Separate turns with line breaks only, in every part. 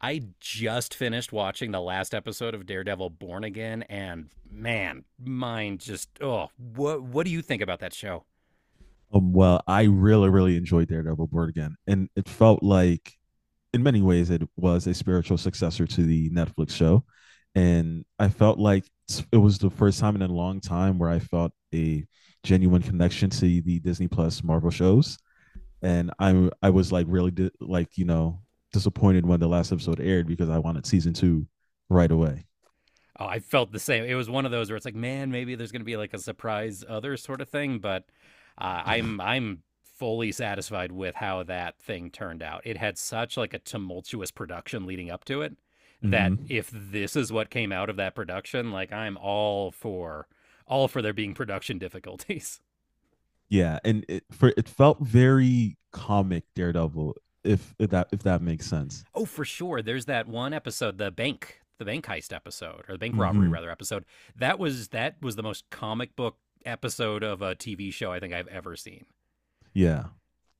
I just finished watching the last episode of Daredevil Born Again, and man, mine just oh, what do you think about that show?
Well, I really, really enjoyed Daredevil Born Again, and it felt like, in many ways, it was a spiritual successor to the Netflix show, and I felt like it was the first time in a long time where I felt a genuine connection to the Disney Plus Marvel shows, and I was like really disappointed when the last episode aired because I wanted season two right away.
Oh, I felt the same. It was one of those where it's like, man, maybe there's going to be like a surprise other sort of thing, but I'm fully satisfied with how that thing turned out. It had such like a tumultuous production leading up to it that
Hmm.
if this is what came out of that production, like I'm all for there being production difficulties.
Yeah, and it felt very comic Daredevil, if that makes sense.
Oh, for sure. There's that one episode, the bank heist episode, or the bank robbery
Hmm.
rather episode. That was the most comic book episode of a TV show I think I've ever seen.
Yeah.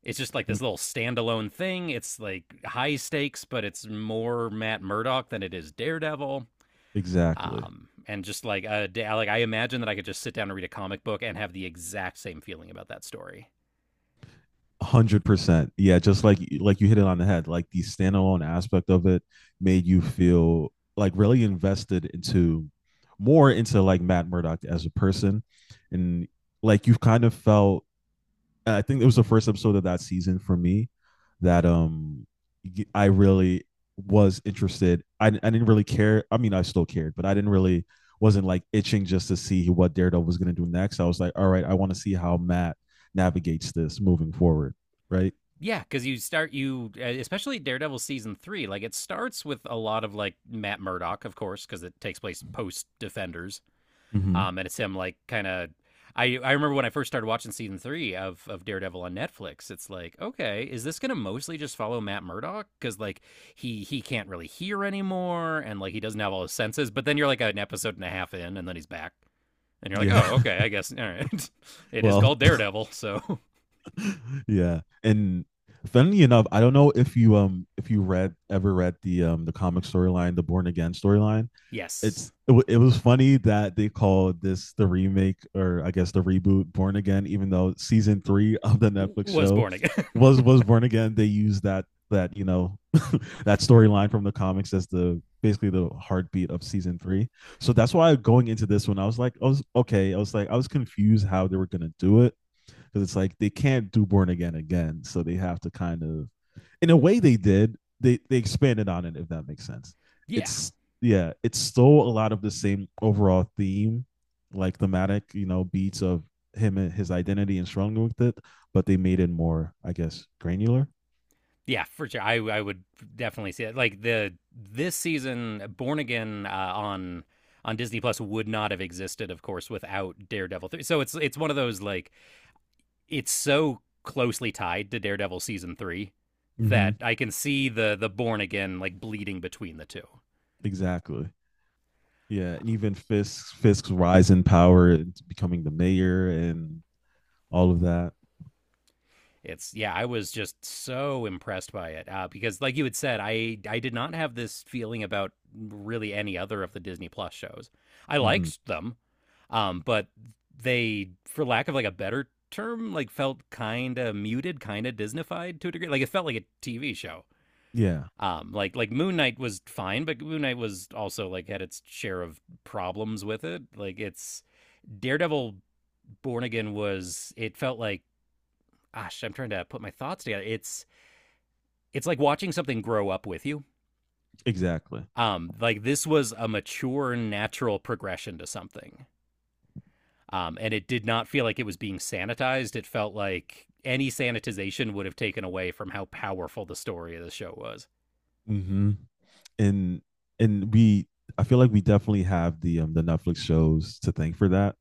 It's just like this
m-
little standalone thing. It's like high stakes, but it's more Matt Murdock than it is Daredevil.
exactly.
And just like a like I imagine that I could just sit down and read a comic book and have the exact same feeling about that story.
100%. Yeah, just like you hit it on the head. Like the standalone aspect of it made you feel like really invested into more into like Matt Murdock as a person, and like you've kind of felt I think it was the first episode of that season for me that I really was interested. I didn't really care. I mean, I still cared, but I didn't really wasn't like itching just to see what Daredevil was going to do next. I was like, all right, I want to see how Matt navigates this moving forward, right?
Yeah, because you start you especially Daredevil season three. Like it starts with a lot of like Matt Murdock, of course, because it takes place post Defenders,
Mm-hmm.
and it's him like kind of. I remember when I first started watching season three of Daredevil on Netflix. It's like, okay, is this gonna mostly just follow Matt Murdock? Because like he can't really hear anymore, and like he doesn't have all his senses. But then you're like an episode and a half in, and then he's back, and you're like,
Yeah.
oh, okay, I guess all right. It is
Well,
called Daredevil, so
yeah. And funnily enough, I don't know if you read ever read the comic storyline, the Born Again storyline.
yes,
It was funny that they called this the remake, or I guess the reboot, Born Again, even though season three of the Netflix
was
show
born again.
was Born Again. They used that that you know that storyline from the comics as the basically the heartbeat of season three. So that's why going into this one, I was like, I was okay. I was like, I was confused how they were gonna do it because it's like they can't do Born Again again, so they have to kind of, in a way, they did. They expanded on it, if that makes sense.
Yeah,
It's yeah, it's still a lot of the same overall theme, like thematic, you know, beats of him and his identity and struggling with it, but they made it more, I guess, granular.
yeah, for sure. I would definitely see it. Like the this season, Born Again on Disney Plus would not have existed, of course, without Daredevil three. So it's one of those like it's so closely tied to Daredevil season three that
Mm-hmm.
I can see the Born Again like bleeding between the two.
Exactly. Yeah, and
Um,
even Fisk's rise in power and becoming the mayor and all of that.
It's yeah, I was just so impressed by it because, like you had said, I did not have this feeling about really any other of the Disney Plus shows. I
Mm-hmm.
liked them, but they, for lack of like a better term, like felt kind of muted, kind of Disneyfied to a degree. Like it felt like a TV show.
Yeah,
Like Moon Knight was fine, but Moon Knight was also like had its share of problems with it. Like it's Daredevil, Born Again was it felt like gosh, I'm trying to put my thoughts together. It's like watching something grow up with you.
exactly.
Like this was a mature, natural progression to something. And it did not feel like it was being sanitized. It felt like any sanitization would have taken away from how powerful the story of the show was.
Mm-hmm. and and we I feel like we definitely have the Netflix shows to thank for that.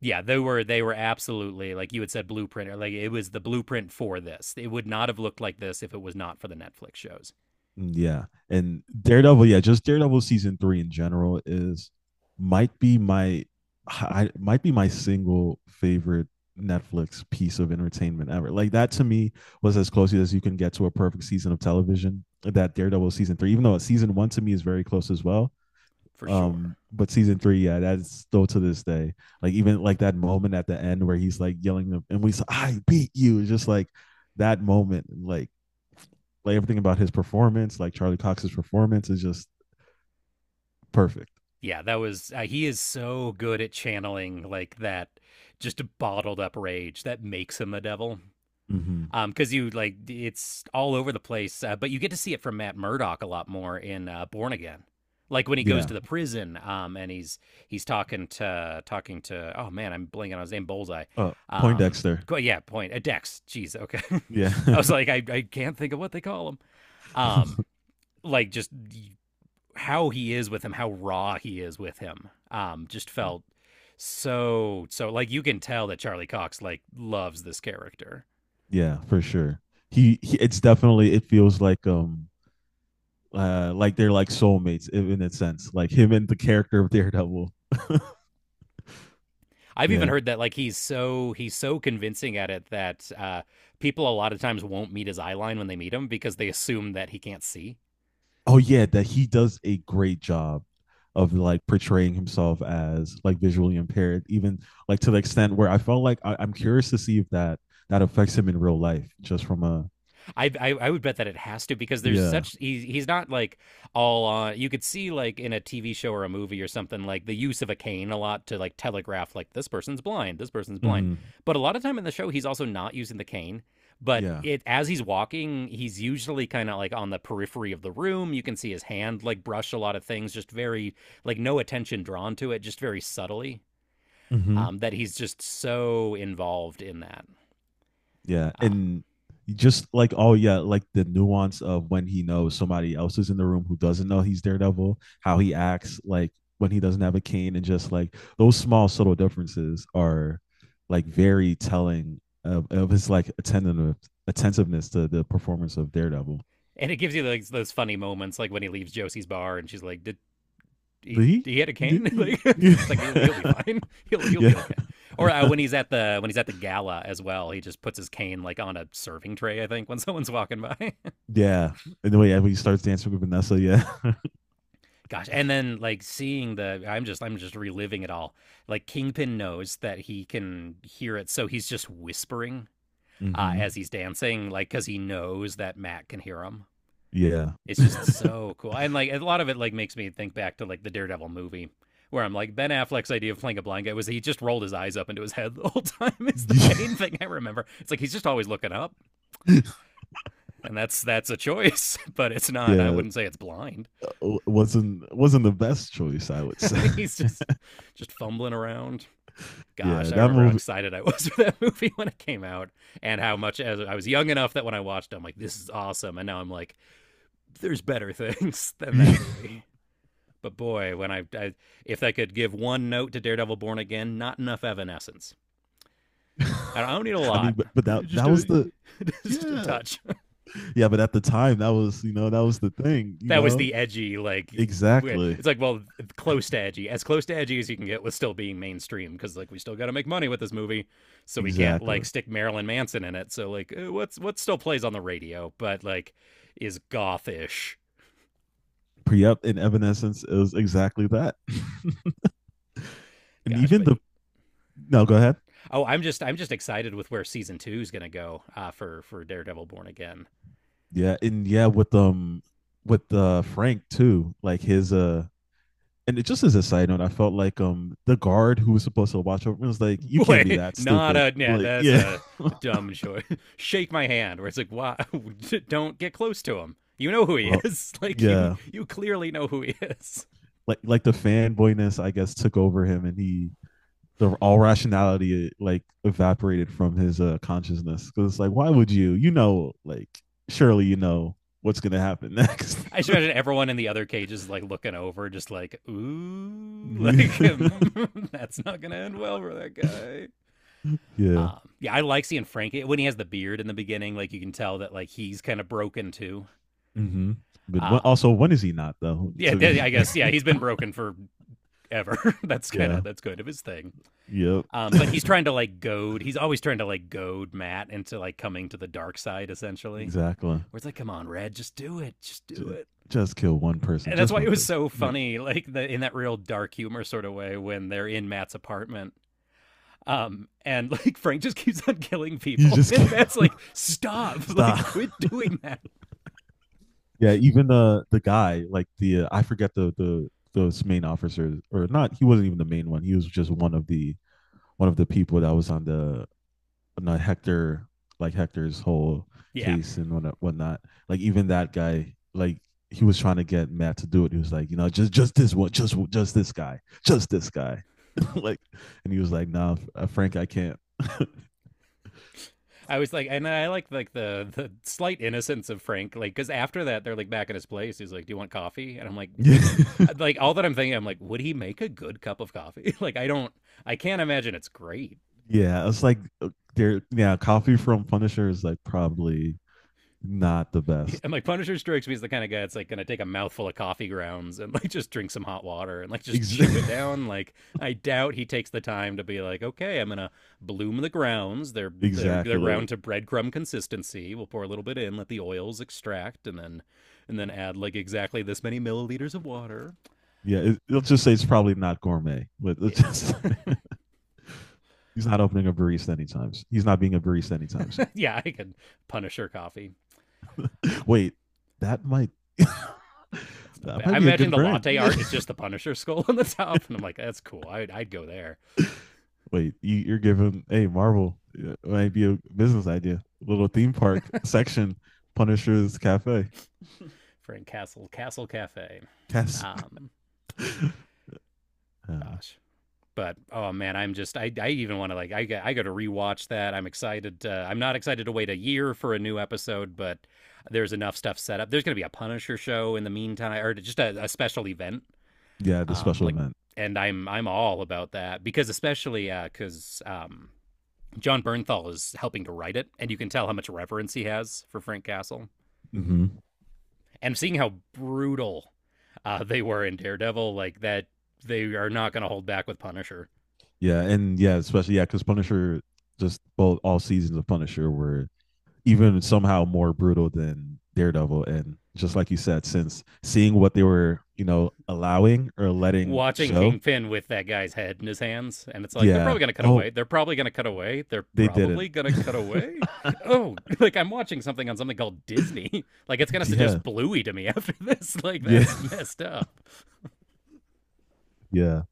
Yeah, they were absolutely like you had said blueprint or like it was the blueprint for this. It would not have looked like this if it was not for the Netflix shows,
Mm. Yeah. And Daredevil, yeah, just Daredevil season 3 in general is might be my might be my single favorite Netflix piece of entertainment ever. Like that to me was as close as you can get to a perfect season of television. That Daredevil season 3, even though season 1 to me is very close as well.
for sure.
But season three, yeah, that's still to this day. Like even like that moment at the end where he's like yelling and we said, I beat you. It's just like that moment, like everything about his performance, like Charlie Cox's performance is just perfect.
Yeah, that was he is so good at channeling like that just bottled up rage that makes him a devil.
Hmm.
Because you like it's all over the place, but you get to see it from Matt Murdock a lot more in Born Again, like when he goes
Yeah.
to the prison, and he's he's talking to oh man, I'm blanking on his name, Bullseye,
Uh,
um,
Poindexter.
co- yeah, point a Dex. Jeez, okay,
Yeah.
I was like I can't think of what they call him, um, like just how he is with him, how raw he is with him, just felt so like you can tell that Charlie Cox like loves this character.
Yeah, for sure. He it's definitely it feels like they're like soulmates in a sense, like him and the character of Daredevil.
I've even
Yeah.
heard that like he's so convincing at it that people a lot of times won't meet his eye line when they meet him because they assume that he can't see.
Oh yeah, that he does a great job of like portraying himself as like visually impaired, even like to the extent where I felt like I'm curious to see if that affects him in real life, just from a
I would bet that it has to because there's
yeah,
such he's not like all on. You could see like in a TV show or a movie or something like the use of a cane a lot to like telegraph like this person's blind, this person's blind.
mm-hmm.
But a lot of time in the show, he's also not using the cane. But
Yeah,
it as he's walking, he's usually kind of like on the periphery of the room. You can see his hand like brush a lot of things, just very like no attention drawn to it, just very subtly.
mm-hmm.
That he's just so involved in that.
Yeah,
Um,
and just like oh yeah, like the nuance of when he knows somebody else is in the room who doesn't know he's Daredevil, how he acts like when he doesn't have a cane, and just like those small subtle differences are like very telling of his like attentive attentiveness to the performance of Daredevil.
and it gives you like those funny moments, like when he leaves Josie's bar and she's like, "Did he?
Lee?
He had a cane?
Yeah.
Like it's like he'll be fine. He'll be okay." Or when he's at the when he's at the gala as well, he just puts his cane like on a serving tray. I think when someone's walking by,
Yeah. And the way yeah, when he starts dancing with Vanessa, yeah.
gosh. And then like seeing the, I'm just reliving it all. Like Kingpin knows that he can hear it, so he's just whispering
Hmm.
as he's dancing, like because he knows that Matt can hear him.
Yeah.
It's just so cool. And like a lot of it like makes me think back to like the Daredevil movie where I'm like Ben Affleck's idea of playing a blind guy was he just rolled his eyes up into his head the whole time is the main thing I remember. It's like he's just always looking up and that's a choice, but it's not. I
Yeah.
wouldn't say it's blind.
Wasn't the best choice, I would say.
He's just fumbling around. Gosh,
Yeah,
I
that
remember how
movie.
excited I was for that movie when it came out and how much as I was young enough that when I watched it, I'm like, this is awesome. And now I'm like, there's better things than that
Yeah.
movie. But boy, when I if I could give one note to Daredevil Born Again, not enough Evanescence. I don't need a
I mean,
lot,
but, but that
just
that
a
was the
just a
yeah
touch.
yeah. But at the time, that was you know that was the thing. You
That was
know
the edgy, like
exactly.
it's like well, close to edgy, as close to edgy as you can get with to make money with this movie, so we can't like
Exactly.
stick Marilyn Manson in it. So like, eh, what's what still plays on the radio, but like is gothish.
Pre-up in Evanescence is exactly that. And
Gosh,
even
but
the no, go ahead.
oh, I'm just excited with where season two is gonna go for Daredevil Born Again.
Yeah, and yeah with Frank too, like his and it just as a side note, I felt like the guard who was supposed to watch over was like, "You can't be
Boy,
that
not
stupid."
a yeah.
Like,
That's
yeah.
a dumb choice. Shake my hand, where it's like, why? Don't get close to him. You know who he
Well,
is. Like you,
yeah,
you clearly know who he is.
like the fanboyness, I guess, took over him, and he the all rationality like evaporated from his consciousness. Because it's like, why would you? You know, like surely you know what's gonna happen next.
I just imagine everyone in the other cages like looking over, just like, ooh, like
Yeah.
mm, that's not gonna end well for that guy. Yeah, I like seeing Frank when he has the beard in the beginning. Like you can tell that like he's kind of broken too.
Hmm. But when, also,
Um,
when is he not though?
yeah,
To be
yeah, I guess yeah, he's been broken for ever. That's kind
yeah,
of that's good of his thing.
yep,
But he's trying to like goad. He's always trying to like goad Matt into like coming to the dark side, essentially.
exactly.
Where it's like, come on, Red, just do it, just do
J-
it.
just kill one person,
And that's
just
why it
one
was
person.
so
Yeah,
funny, like the, in that real dark humor sort of way when they're in Matt's apartment. And like Frank just keeps on killing
you
people,
just
and
can't.
Matt's like, stop,
Stop.
like quit doing that.
Yeah, even the guy, like the I forget the those main officers or not. He wasn't even the main one. He was just one of the people that was on the Hector like Hector's whole
Yeah,
case and whatnot. Whatnot. Like even that guy, like he was trying to get Matt to do it. He was like, you know, just this one, just this guy, just this guy. Like, and he was like, nah, Frank, I can't.
I was like, and I like the slight innocence of Frank, like because after that they're like back at his place. He's like, "Do you want coffee?" And I'm like,
Yeah,
Like all that I'm thinking, I'm like, would he make a good cup of coffee? Like I don't, I can't imagine it's great.
it's like there. Yeah, coffee from Punisher is like probably not the best.
And like Punisher strikes me as the kind of guy that's like gonna take a mouthful of coffee grounds and like just drink some hot water and like just
Ex-
chew it down. Like I doubt he takes the time to be like, okay, I'm gonna bloom the grounds. They're they're they're
exactly.
ground to breadcrumb consistency. We'll pour a little bit in, let the oils extract, and then add like exactly this many milliliters of water.
Yeah, it, let's just say it's probably not gourmet. But
Yeah,
let's just he's not opening a barista anytime. Soon. He's not being a barista anytime soon.
yeah, I could Punisher coffee. Um,
Wait, that might
Not
that
bad.
might
I'm
be a
imagining
good
the
brand.
latte art is just the Punisher skull on the top, and I'm like, that's cool. I'd go there.
Wait, you're giving hey Marvel it might be a business idea. Little theme park section, Punisher's Cafe.
Frank Castle Castle Cafe.
Yes.
Um,
Oh,
gosh. But oh man, I'm just I even want to like I got to rewatch that. I'm excited. To, I'm not excited to wait a year for a new episode, but there's enough stuff set up. There's gonna be a Punisher show in the meantime, or just a special event.
yeah, the special
Like,
event.
and I'm all about that because especially because John Bernthal is helping to write it, and you can tell how much reverence he has for Frank Castle.
Mm-hmm.
And seeing how brutal they were in Daredevil, like that, they are not going to hold back with Punisher.
Yeah, and yeah, especially yeah, because Punisher just both all seasons of Punisher were even somehow more brutal than Daredevil. And just like you said, since seeing what they were, you know, allowing or letting
Watching
show,
Kingpin with that guy's head in his hands, and it's like they're
yeah.
probably going to cut
Oh,
away. They're probably going to cut away. They're
they didn't.
probably going to cut away. Oh, like I'm watching something on something called Disney. Like it's going to
Yeah,
suggest Bluey to me after this. Like
yeah,
that's messed up.
yeah.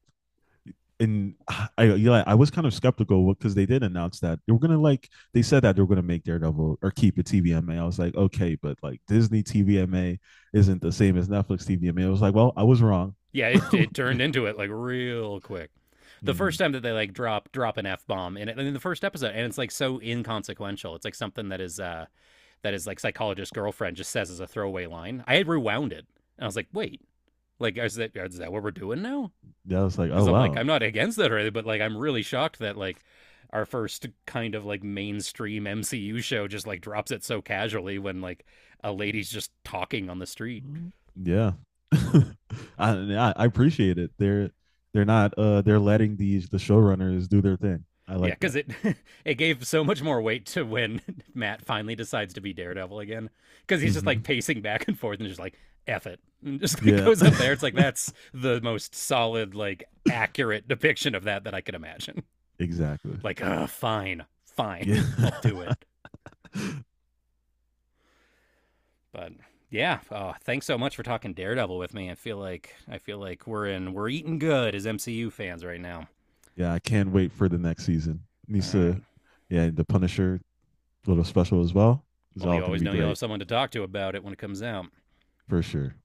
And yeah, I was kind of skeptical because they did announce that they were gonna like they said that they were gonna make Daredevil or keep it TVMA. I was like, okay, but like Disney TVMA isn't the same as Netflix TVMA. I was like, well, I was wrong.
Yeah, it
Mm-hmm.
turned into it like real quick. The first time that they like drop an f bomb in it in the first episode, and it's like so inconsequential. It's like something that is like psychologist girlfriend just says as a throwaway line. I had rewound it, and I was like, wait, like is that what we're doing now?
Yeah, I was like, oh
Because I'm like
wow.
I'm not against that or anything, but like I'm really shocked that like our first kind of like mainstream MCU show just like drops it so casually when like a lady's just talking on the street.
Mm. Yeah. I appreciate it. They're not they're letting these the showrunners do their thing. I
Yeah,
like
because
that.
it it gave so much more weight to when Matt finally decides to be Daredevil again. Because he's just like
Hmm.
pacing back and forth and just like F it, and just like
Yeah.
goes up there. It's like that's the most solid, like accurate depiction of that that I could imagine.
Exactly.
Like, fine,
Yeah.
fine, I'll do it. But yeah, thanks so much for talking Daredevil with me. I feel like we're in we're eating good as MCU fans right now.
Yeah, I can't wait for the next season.
All
Needs
right.
to yeah, the Punisher little special as well is
Well,
all
you
gonna
always
be
know you'll
great
have someone to talk to about it when it comes out.
for sure.